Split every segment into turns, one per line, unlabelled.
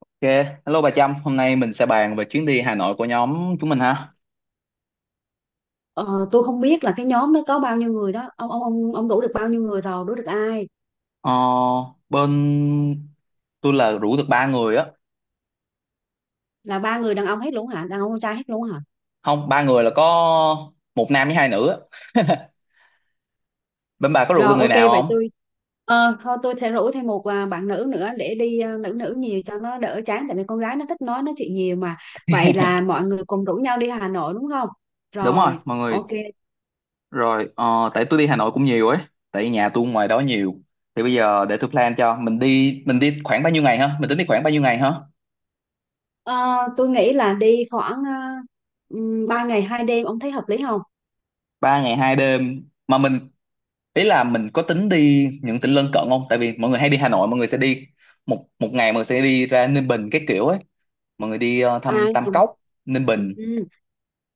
Ok, hello bà Trâm, hôm nay mình sẽ bàn về chuyến đi Hà Nội của nhóm chúng mình ha.
Ờ, tôi không biết là cái nhóm nó có bao nhiêu người đó Ông đủ được bao nhiêu người rồi? Đủ được ai?
Ờ, Bên tôi là rủ được 3 người á,
Là ba người đàn ông hết luôn hả? Đàn ông con trai hết luôn hả?
không 3 người là có một nam với 2 nữ á. Bên bà có rủ được
Rồi,
người
ok,
nào
vậy
không?
tôi, thôi tôi sẽ rủ thêm một, bạn nữ nữa để đi, nữ nữ nhiều cho nó đỡ chán, tại vì con gái nó thích nói chuyện nhiều mà. Vậy là mọi người cùng rủ nhau đi Hà Nội đúng không?
Đúng rồi,
Rồi,
mọi
ok.
người. Rồi, tại tôi đi Hà Nội cũng nhiều ấy, tại nhà tôi ngoài đó nhiều. Thì bây giờ để tôi plan cho mình đi khoảng bao nhiêu ngày ha? Mình tính đi khoảng bao nhiêu ngày ha?
Ờ, tôi nghĩ là đi khoảng, 3 ngày 2 đêm. Ông thấy hợp lý không?
3 ngày 2 đêm, mà mình ý là mình có tính đi những tỉnh lân cận không, tại vì mọi người hay đi Hà Nội mọi người sẽ đi một một ngày, mọi người sẽ đi ra Ninh Bình cái kiểu ấy, mọi người đi
À,
thăm Tam Cốc Ninh Bình.
ừ.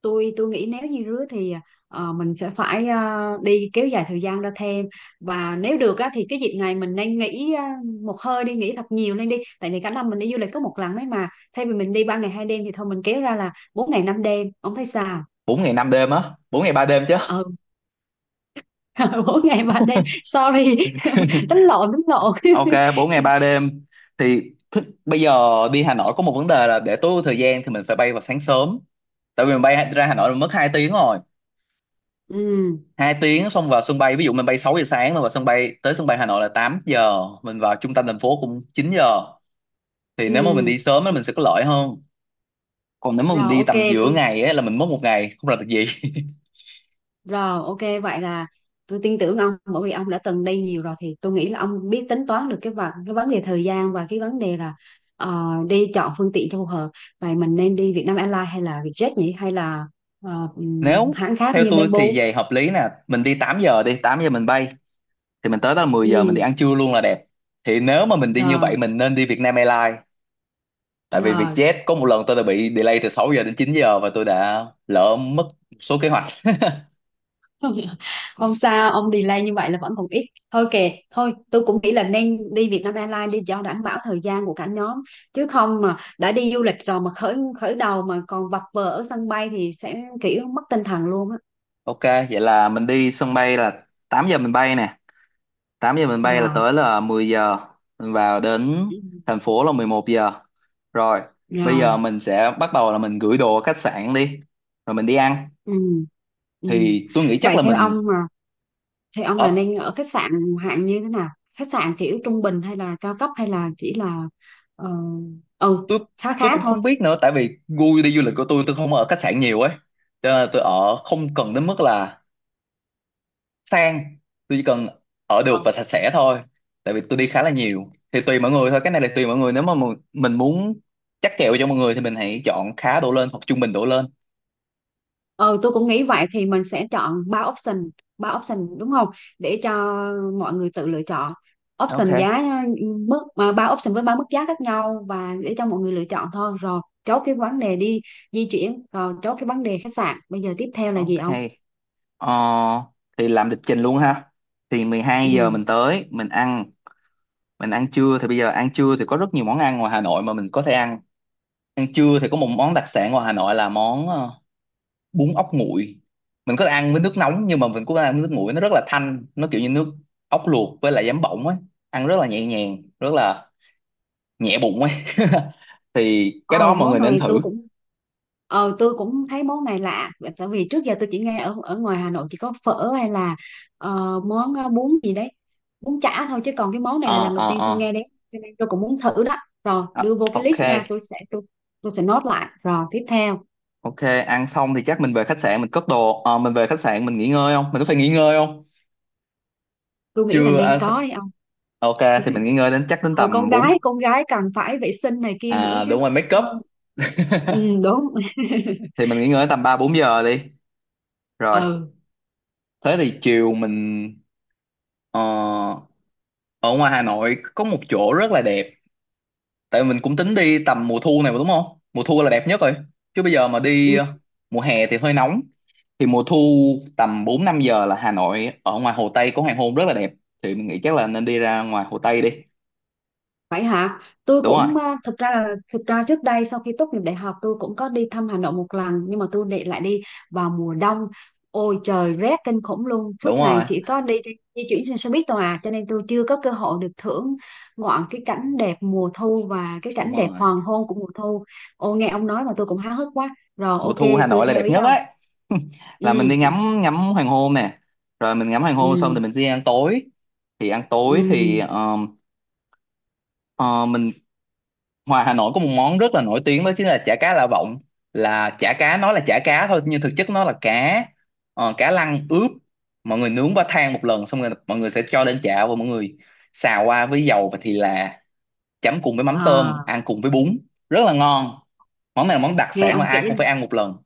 Tôi nghĩ nếu như rứa thì, mình sẽ phải, đi kéo dài thời gian ra thêm. Và nếu được á, thì cái dịp này mình nên nghỉ, một hơi đi nghỉ thật nhiều lên đi, tại vì cả năm mình đi du lịch có một lần ấy mà. Thay vì mình đi 3 ngày 2 đêm thì thôi mình kéo ra là 4 ngày 5 đêm. Ông thấy sao?
4 ngày 5 đêm á, 4 ngày 3 đêm chứ.
Ừ. 4 ngày 3 đêm, sorry. Tính lộn, tính lộn.
Ok, 4 ngày 3 đêm thì bây giờ đi Hà Nội có một vấn đề là để tối ưu thời gian thì mình phải bay vào sáng sớm, tại vì mình bay ra Hà Nội là mất 2 tiếng rồi.
Ừ,
2 tiếng, xong vào sân bay, ví dụ mình bay 6 giờ sáng mà vào sân bay tới sân bay Hà Nội là 8 giờ, mình vào trung tâm thành phố cũng 9 giờ. Thì nếu mà mình
ừ,
đi sớm thì mình sẽ có lợi hơn, còn nếu mà mình
rồi,
đi
ok,
tầm giữa
tôi.
ngày ấy, là mình mất một ngày không làm được gì.
Rồi, ok, vậy là tôi tin tưởng ông, bởi vì ông đã từng đi nhiều rồi thì tôi nghĩ là ông biết tính toán được cái vấn đề thời gian và cái vấn đề là, đi chọn phương tiện cho phù hợp. Vậy mình nên đi Vietnam Airlines hay là Vietjet nhỉ, hay là
Nếu
hãng khác
theo
như
tôi
Bamboo?
thì về hợp lý nè, mình đi 8 giờ, đi 8 giờ mình bay thì mình tới đó là 10 giờ, mình đi
Ừ,
ăn trưa luôn là đẹp. Thì nếu mà mình đi như
rồi,
vậy mình nên đi Vietnam Airlines, tại vì
rồi.
Vietjet có một lần tôi đã bị delay từ 6 giờ đến 9 giờ và tôi đã lỡ mất một số kế hoạch.
Không sao ông, delay như vậy là vẫn còn ít. Thôi kệ, thôi tôi cũng nghĩ là nên đi Vietnam Airlines đi cho đảm bảo thời gian của cả nhóm. Chứ không mà đã đi du lịch rồi mà khởi khởi đầu mà còn vật vờ ở sân bay thì sẽ kiểu mất tinh thần luôn á.
Ok, vậy là mình đi sân bay là 8 giờ mình bay nè, 8 giờ mình bay là
Rồi.
tới là 10 giờ, mình vào đến
Ừ.
thành phố là 11 giờ rồi. Bây
Rồi,
giờ mình sẽ bắt đầu là mình gửi đồ ở khách sạn đi rồi mình đi ăn.
ừ, ừ.
Thì tôi nghĩ chắc
Vậy
là mình
theo ông là nên
ở.
ở khách sạn hạng như thế nào? Khách sạn kiểu trung bình hay là cao cấp, hay là chỉ là, ờ, ừ
tôi
khá khá
tôi cũng
thôi.
không biết nữa, tại vì gu đi du lịch của tôi không ở khách sạn nhiều ấy, cho nên là tôi ở không cần đến mức là sang, tôi chỉ cần ở được
Ờ.
và sạch sẽ thôi. Tại vì tôi đi khá là nhiều thì tùy mọi người thôi, cái này là tùy mọi người. Nếu mà mình muốn chắc kèo cho mọi người thì mình hãy chọn khá đổ lên hoặc trung bình đổ lên.
Ừ, tôi cũng nghĩ vậy, thì mình sẽ chọn ba option đúng không? Để cho mọi người tự lựa chọn option
Ok.
giá mức, mà ba option với ba mức giá khác nhau, và để cho mọi người lựa chọn thôi. Rồi, chốt cái vấn đề di chuyển, rồi chốt cái vấn đề khách sạn. Bây giờ tiếp theo là gì
Ok.
ông?
Ờ, thì làm lịch trình luôn ha. Thì 12 giờ
Ừ.
mình tới, mình ăn trưa. Thì bây giờ ăn trưa thì có rất nhiều món ăn ngoài Hà Nội mà mình có thể ăn. Ăn trưa thì có một món đặc sản ngoài Hà Nội là món bún ốc nguội. Mình có thể ăn với nước nóng nhưng mà mình cũng có thể ăn với nước nguội, nó rất là thanh, nó kiểu như nước ốc luộc với lại giấm bỗng ấy, ăn rất là nhẹ nhàng, rất là nhẹ bụng ấy. Thì cái
ờ
đó mọi
Món
người nên
này
thử.
tôi cũng, tôi cũng thấy món này lạ. Và tại vì trước giờ tôi chỉ nghe ở ở ngoài Hà Nội chỉ có phở, hay là món, bún gì đấy, bún chả thôi. Chứ còn cái món này là
Ờ
lần đầu
ờ
tiên tôi
ờ.
nghe đấy. Cho nên tôi cũng muốn thử đó. Rồi đưa
Ờ,
vô cái
Ok.
list nha, tôi sẽ nốt lại. Rồi tiếp theo.
Ok, ăn xong thì chắc mình về khách sạn mình cất đồ. Ờ, mình về khách sạn mình nghỉ ngơi không? Mình có phải nghỉ ngơi không?
Tôi nghĩ là
Chưa
nên
ăn xong-
có đi ông.
Ok, thì mình nghỉ ngơi đến chắc đến
ờ con
tầm 4,
gái con gái cần phải vệ sinh này kia nữa
à
chứ.
đúng rồi, make
Ừ,
up.
ừ, đúng.
Thì mình nghỉ ngơi đến tầm 3 4 giờ đi. Rồi,
Ừ.
thế thì chiều mình ờ, ở ngoài Hà Nội có một chỗ rất là đẹp. Tại mình cũng tính đi tầm mùa thu này mà đúng không? Mùa thu là đẹp nhất rồi. Chứ bây giờ mà đi mùa hè thì hơi nóng. Thì mùa thu tầm 4 5 giờ là Hà Nội ở ngoài Hồ Tây có hoàng hôn rất là đẹp. Thì mình nghĩ chắc là nên đi ra ngoài Hồ Tây đi.
Vậy hả? Tôi
Đúng rồi,
cũng, thực ra trước đây sau khi tốt nghiệp đại học tôi cũng có đi thăm Hà Nội một lần, nhưng mà tôi để lại đi vào mùa đông. Ôi trời, rét kinh khủng luôn,
đúng
suốt ngày
rồi,
chỉ có đi di chuyển trên xe buýt thôi à, cho nên tôi chưa có cơ hội được thưởng ngoạn cái cảnh đẹp mùa thu và cái
đúng
cảnh đẹp
rồi,
hoàng hôn của mùa thu. Ô, nghe ông nói mà tôi cũng háo hức quá. Rồi
mùa
ok,
thu Hà
tôi
Nội là
theo
đẹp
ý
nhất
ông.
ấy.
Ừ,
Là mình đi ngắm ngắm hoàng hôn nè, rồi mình ngắm hoàng hôn xong thì
ừ,
mình đi ăn tối. Thì ăn
ừ.
tối thì ờ, mình, ngoài Hà Nội có một món rất là nổi tiếng đó chính là chả cá Lạ Vọng. Là chả cá, nói là chả cá thôi nhưng thực chất nó là cá, cá lăng ướp, mọi người nướng qua than một lần xong rồi mọi người sẽ cho lên chảo và mọi người xào qua với dầu và thì là, chấm cùng với mắm tôm
À,
ăn cùng với bún, rất là ngon. Món này là món đặc
nghe
sản mà
ông kể
ai cũng phải ăn một lần.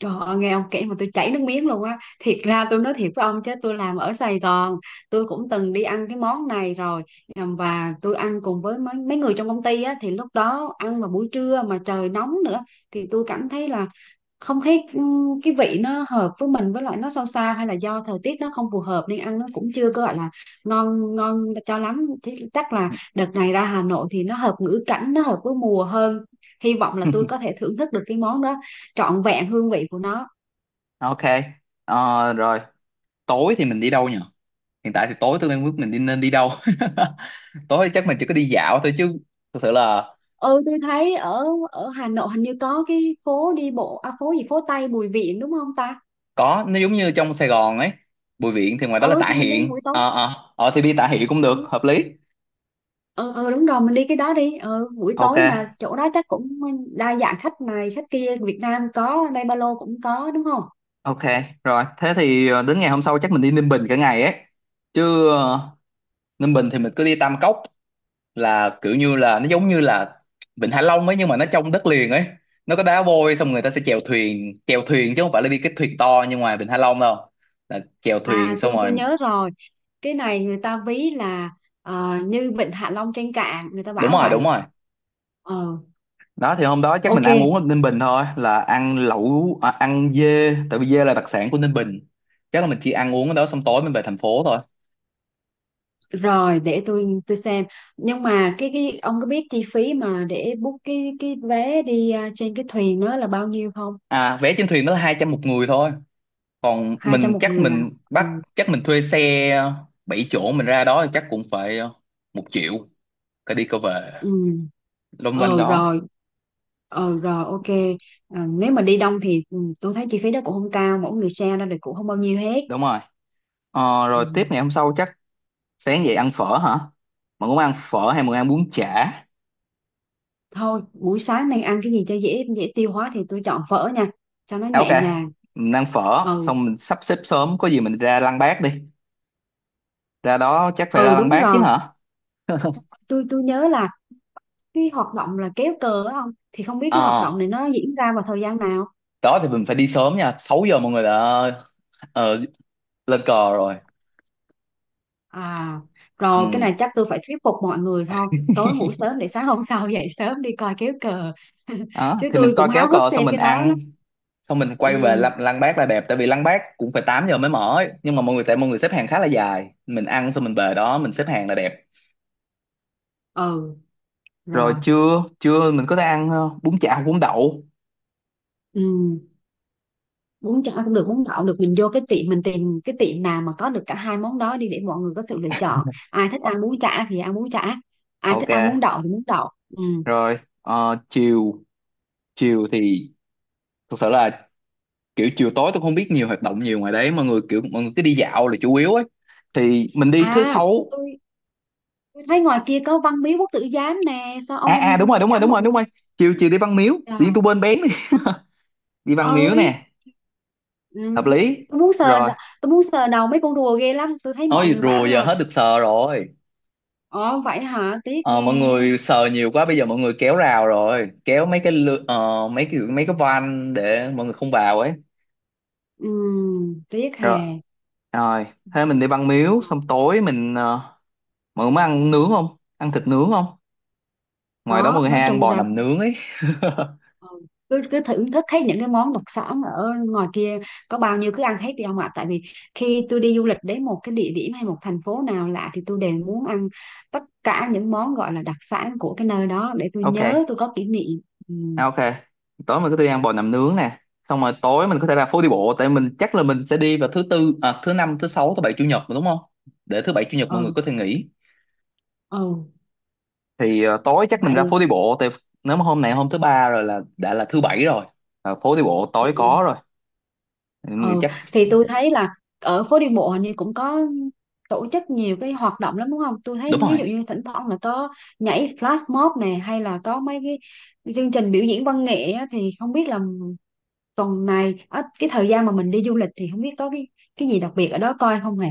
Trời ơi, nghe ông kể mà tôi chảy nước miếng luôn á. Thiệt ra tôi nói thiệt với ông chứ, tôi làm ở Sài Gòn, tôi cũng từng đi ăn cái món này rồi. Và tôi ăn cùng với mấy mấy người trong công ty á, thì lúc đó ăn vào buổi trưa mà trời nóng nữa, thì tôi cảm thấy là không thấy, cái vị nó hợp với mình, với lại nó sao sao, hay là do thời tiết nó không phù hợp nên ăn nó cũng chưa có gọi là ngon ngon cho lắm. Thế chắc là đợt này ra Hà Nội thì nó hợp ngữ cảnh, nó hợp với mùa hơn. Hy vọng là tôi có thể thưởng thức được cái món đó trọn vẹn hương vị của nó.
Ok. Rồi tối thì mình đi đâu nhỉ, hiện tại thì tối tôi đang biết mình đi nên đi đâu. Tối chắc mình chỉ có đi dạo thôi chứ, thực sự là
Ừ, tôi thấy ở ở Hà Nội hình như có cái phố đi bộ, phố gì, phố Tây Bùi Viện đúng không ta?
có, nó giống như trong Sài Gòn ấy. Bùi Viện thì ngoài đó là
Ừ,
Tạ
thì mình đi
Hiện,
buổi tối.
ờ ờ ờ, thì đi Tạ Hiện cũng được,
Ừ,
hợp lý.
ừ, ừ, đúng rồi, mình đi cái đó đi, buổi tối mà
Ok.
chỗ đó chắc cũng đa dạng khách này khách kia, Việt Nam có, đây ba lô cũng có đúng không?
Ok, rồi thế thì đến ngày hôm sau chắc mình đi Ninh Bình cả ngày ấy, chứ Ninh Bình thì mình cứ đi Tam Cốc, là kiểu như là, nó giống như là Vịnh Hạ Long ấy nhưng mà nó trong đất liền ấy. Nó có đá vôi, xong người ta sẽ chèo thuyền chứ không phải là đi cái thuyền to như ngoài Vịnh Hạ Long đâu, là chèo
À,
thuyền xong
tôi
rồi.
nhớ rồi, cái này người ta ví là, như Vịnh Hạ Long trên cạn, người ta
Đúng
bảo
rồi, đúng
vậy.
rồi.
ờ
Đó thì hôm đó chắc mình
ok
ăn uống ở Ninh Bình thôi, là ăn lẩu, à, ăn dê, tại vì dê là đặc sản của Ninh Bình. Chắc là mình chỉ ăn uống ở đó xong tối mình về thành phố thôi.
rồi, để tôi xem. Nhưng mà cái ông có biết chi phí mà để book cái vé đi, trên cái thuyền đó là bao nhiêu không?
À, vé trên thuyền đó là 200 một người thôi. Còn
200
mình
một
chắc
người à?
mình bắt,
Ừ.
chắc mình thuê xe 7 chỗ mình ra đó thì chắc cũng phải 1 triệu cái đi cái về.
Ừ,
Lông quanh
ờ
đó.
rồi, ờ rồi, ok. À, nếu mà đi đông thì, tôi thấy chi phí đó cũng không cao, mỗi người share ra thì cũng không bao nhiêu hết.
Đúng rồi. Rồi tiếp
Ừ.
ngày hôm sau chắc sáng dậy ăn phở hả, mình muốn ăn phở hay mình ăn bún chả?
Thôi buổi sáng nên ăn cái gì cho dễ dễ tiêu hóa, thì tôi chọn phở nha cho nó
À, ok,
nhẹ nhàng.
mình ăn phở
Ừ,
xong mình sắp xếp sớm có gì mình ra Lăng Bác đi. Ra đó chắc phải ra
ừ,
Lăng
đúng
Bác chứ
rồi.
hả.
Tôi nhớ là cái hoạt động là kéo cờ á, không thì không biết cái hoạt
Ờ,
động này nó diễn ra vào thời gian nào.
đó thì mình phải đi sớm nha, 6 giờ mọi người đã ờ, lên cờ rồi.
À,
Ừ.
rồi cái này chắc tôi phải thuyết phục mọi người thôi. Tối ngủ sớm để sáng hôm sau dậy sớm đi coi kéo cờ.
Đó
Chứ
thì
tôi
mình coi
cũng
kéo
háo hức
cờ xong
xem
mình
cái đó lắm.
ăn, xong mình quay về
Ừ,
lăng, lăng Bác là đẹp tại vì lăng Bác cũng phải 8 giờ mới mở ấy. Nhưng mà mọi người, tại mọi người xếp hàng khá là dài, mình ăn xong mình về đó mình xếp hàng là đẹp.
ừ,
Rồi
rồi.
trưa trưa mình có thể ăn bún chả, bún đậu.
Ừ, bún chả cũng được, bún đậu được. Mình vô cái tiệm, mình tìm cái tiệm nào mà có được cả hai món đó đi để mọi người có sự lựa chọn. Ai thích ăn bún chả thì ăn bún chả. Ai thích
Ok.
ăn bún đậu thì bún đậu. Ừ.
Rồi, chiều, chiều thì thực sự là kiểu chiều tối tôi không biết nhiều hoạt động nhiều ngoài đấy, mọi người kiểu mọi người cứ đi dạo là chủ yếu ấy, thì mình đi thứ
À,
sáu.
tôi, tôi thấy ngoài kia có Văn Miếu Quốc Tử Giám nè. Sao
À
ông không
à, đúng rồi, đúng rồi,
dẫn
đúng
mọi
rồi,
người
đúng rồi, chiều
đi?
chiều đi Văn Miếu, tự nhiên tôi quên bén đi. Đi Văn Miếu
Ơi.
nè,
Ừ.
hợp lý.
Tôi muốn sờ
Rồi,
đ- tôi muốn sờ đầu mấy con rùa ghê lắm, tôi thấy mọi
ôi
người
rùa
bảo
giờ
là.
hết được sờ rồi.
Ờ Vậy hả, tiếc
Ờ, mọi
ghê.
người sờ nhiều quá bây giờ mọi người kéo rào rồi, kéo mấy cái mấy cái, mấy cái van để mọi người không vào ấy.
Ừ, tiếc
Rồi.
hè.
Rồi, thế mình đi băng miếu, xong tối mình mọi người muốn ăn nướng không? Ăn thịt nướng không? Ngoài đó mọi
Có,
người hay
nói
ăn
chung
bò
ra,
nằm nướng ấy.
ừ, cứ cứ thưởng thức hết những cái món đặc sản ở ngoài kia. Có bao nhiêu cứ ăn hết đi ông ạ, tại vì khi tôi đi du lịch đến một cái địa điểm hay một thành phố nào lạ thì tôi đều muốn ăn tất cả những món gọi là đặc sản của cái nơi đó, để tôi
Ok,
nhớ, tôi có kỷ niệm. Ừ,
à, ok. Tối mình có thể đi ăn bò nằm nướng nè. Xong rồi tối mình có thể ra phố đi bộ, tại mình chắc là mình sẽ đi vào thứ tư, à, thứ năm, thứ sáu, thứ bảy, chủ nhật mà đúng không? Để thứ bảy, chủ nhật mọi người
ừ,
có thể nghỉ.
ừ,
Thì tối chắc mình ra
vậy.
phố đi bộ, tại nếu mà hôm này hôm thứ ba rồi là đã là thứ bảy rồi. Ờ, phố đi bộ tối
Ừ.
có rồi. Mình nghĩ
Ừ.
chắc
Thì tôi thấy là ở phố đi bộ hình như cũng có tổ chức nhiều cái hoạt động lắm đúng không? Tôi
đúng
thấy ví
rồi.
dụ như thỉnh thoảng là có nhảy flash mob này, hay là có mấy cái chương trình biểu diễn văn nghệ á, thì không biết là tuần này á, cái thời gian mà mình đi du lịch thì không biết có cái gì đặc biệt ở đó coi không hề?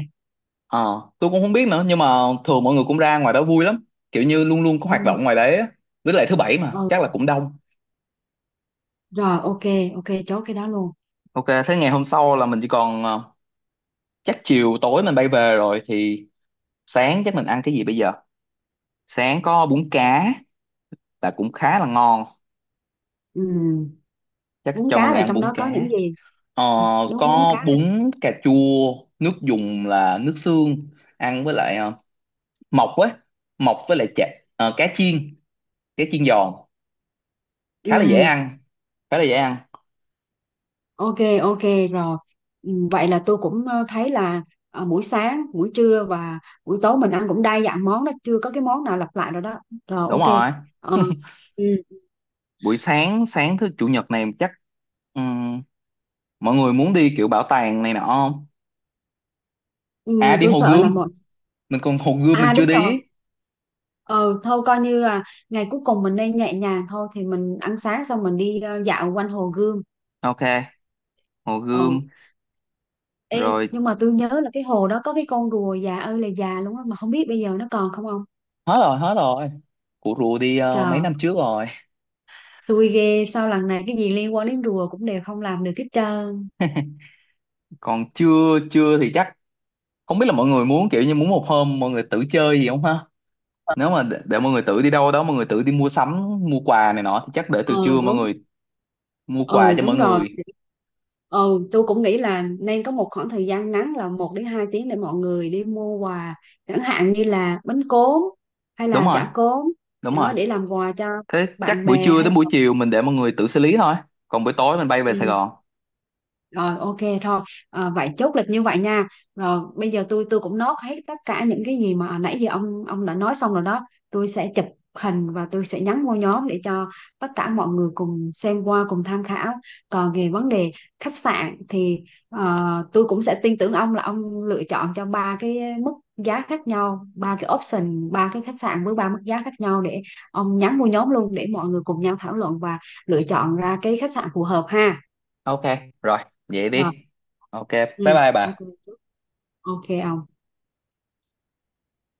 Ờ, tôi cũng không biết nữa, nhưng mà thường mọi người cũng ra ngoài đó vui lắm, kiểu như luôn luôn có
Ừ.
hoạt động ngoài đấy á. Với lại thứ bảy mà
Ừ.
chắc là cũng đông.
Rồi, ok, ok, chốt cái đó luôn.
Ok, thế ngày hôm sau là mình chỉ còn, chắc chiều tối mình bay về rồi thì sáng chắc mình ăn cái gì bây giờ. Sáng có bún cá, là cũng khá là ngon,
Ừ.
chắc
Bún
cho mọi
cá
người
là
ăn
trong
bún
đó có
cá.
những gì?
ờ,
À, đúng, bún
có
cá.
bún cà chua, nước dùng là nước xương, ăn với lại mọc ấy, mọc với lại chả, cá chiên, cá chiên giòn, khá là dễ
Ừ.
ăn, khá là dễ ăn.
Ok, ok, rồi. Ừ, vậy là tôi cũng, thấy là, buổi sáng, buổi trưa và buổi tối mình ăn cũng đa dạng món đó, chưa có cái món nào lặp lại rồi đó. Rồi
Đúng
ok.
rồi,
Ờ, ừ,
buổi sáng, sáng thứ chủ nhật này chắc, ừm, mọi người muốn đi kiểu bảo tàng này nọ không, à
ừ,
đi
tôi
Hồ
sợ
Gươm,
là một.
mình còn Hồ Gươm mình
À,
chưa
đúng rồi.
đi.
Ờ, thôi coi như là ngày cuối cùng mình nên nhẹ nhàng thôi, thì mình ăn sáng xong mình đi, dạo quanh Hồ Gươm.
Ok, Hồ Gươm.
Ừ. Ê,
Rồi,
nhưng mà tôi nhớ là cái hồ đó có cái con rùa già ơi là già luôn á, mà không biết bây giờ nó còn không không?
hết rồi, hết rồi, cụ rùa đi mấy
Trời,
năm trước rồi.
xui ghê. Sao lần này cái gì liên quan đến rùa cũng đều không làm được hết trơn.
Còn chưa, chưa thì chắc không biết là mọi người muốn kiểu như muốn một hôm mọi người tự chơi gì không ha. Nếu mà để mọi người tự đi đâu đó, mọi người tự đi mua sắm mua quà này nọ thì chắc để từ
Ờ
trưa mọi
đúng,
người mua quà
ừ,
cho mọi
đúng rồi.
người.
Ừ, tôi cũng nghĩ là nên có một khoảng thời gian ngắn là 1 đến 2 tiếng để mọi người đi mua quà, chẳng hạn như là bánh cốm hay
Đúng
là
rồi,
chả cốm.
đúng rồi,
Đó, để làm quà cho
thế chắc
bạn
buổi
bè
trưa
hay
đến buổi
là.
chiều mình để mọi người tự xử lý thôi, còn buổi tối mình bay về Sài
Ừ.
Gòn.
Rồi ok thôi, vậy chốt lịch như vậy nha. Rồi bây giờ tôi cũng nốt hết tất cả những cái gì mà nãy giờ ông đã nói xong rồi đó. Tôi sẽ chụp hình và tôi sẽ nhắn vô nhóm để cho tất cả mọi người cùng xem qua cùng tham khảo. Còn về vấn đề khách sạn thì, tôi cũng sẽ tin tưởng ông là ông lựa chọn cho ba cái mức giá khác nhau, ba cái option, ba cái khách sạn với ba mức giá khác nhau, để ông nhắn vô nhóm luôn để mọi người cùng nhau thảo luận và lựa chọn ra cái khách sạn phù hợp ha.
Ok, rồi, vậy
Rồi.
đi. Ok, bye
Ừ,
bye
ok.
bà.
Ok ông.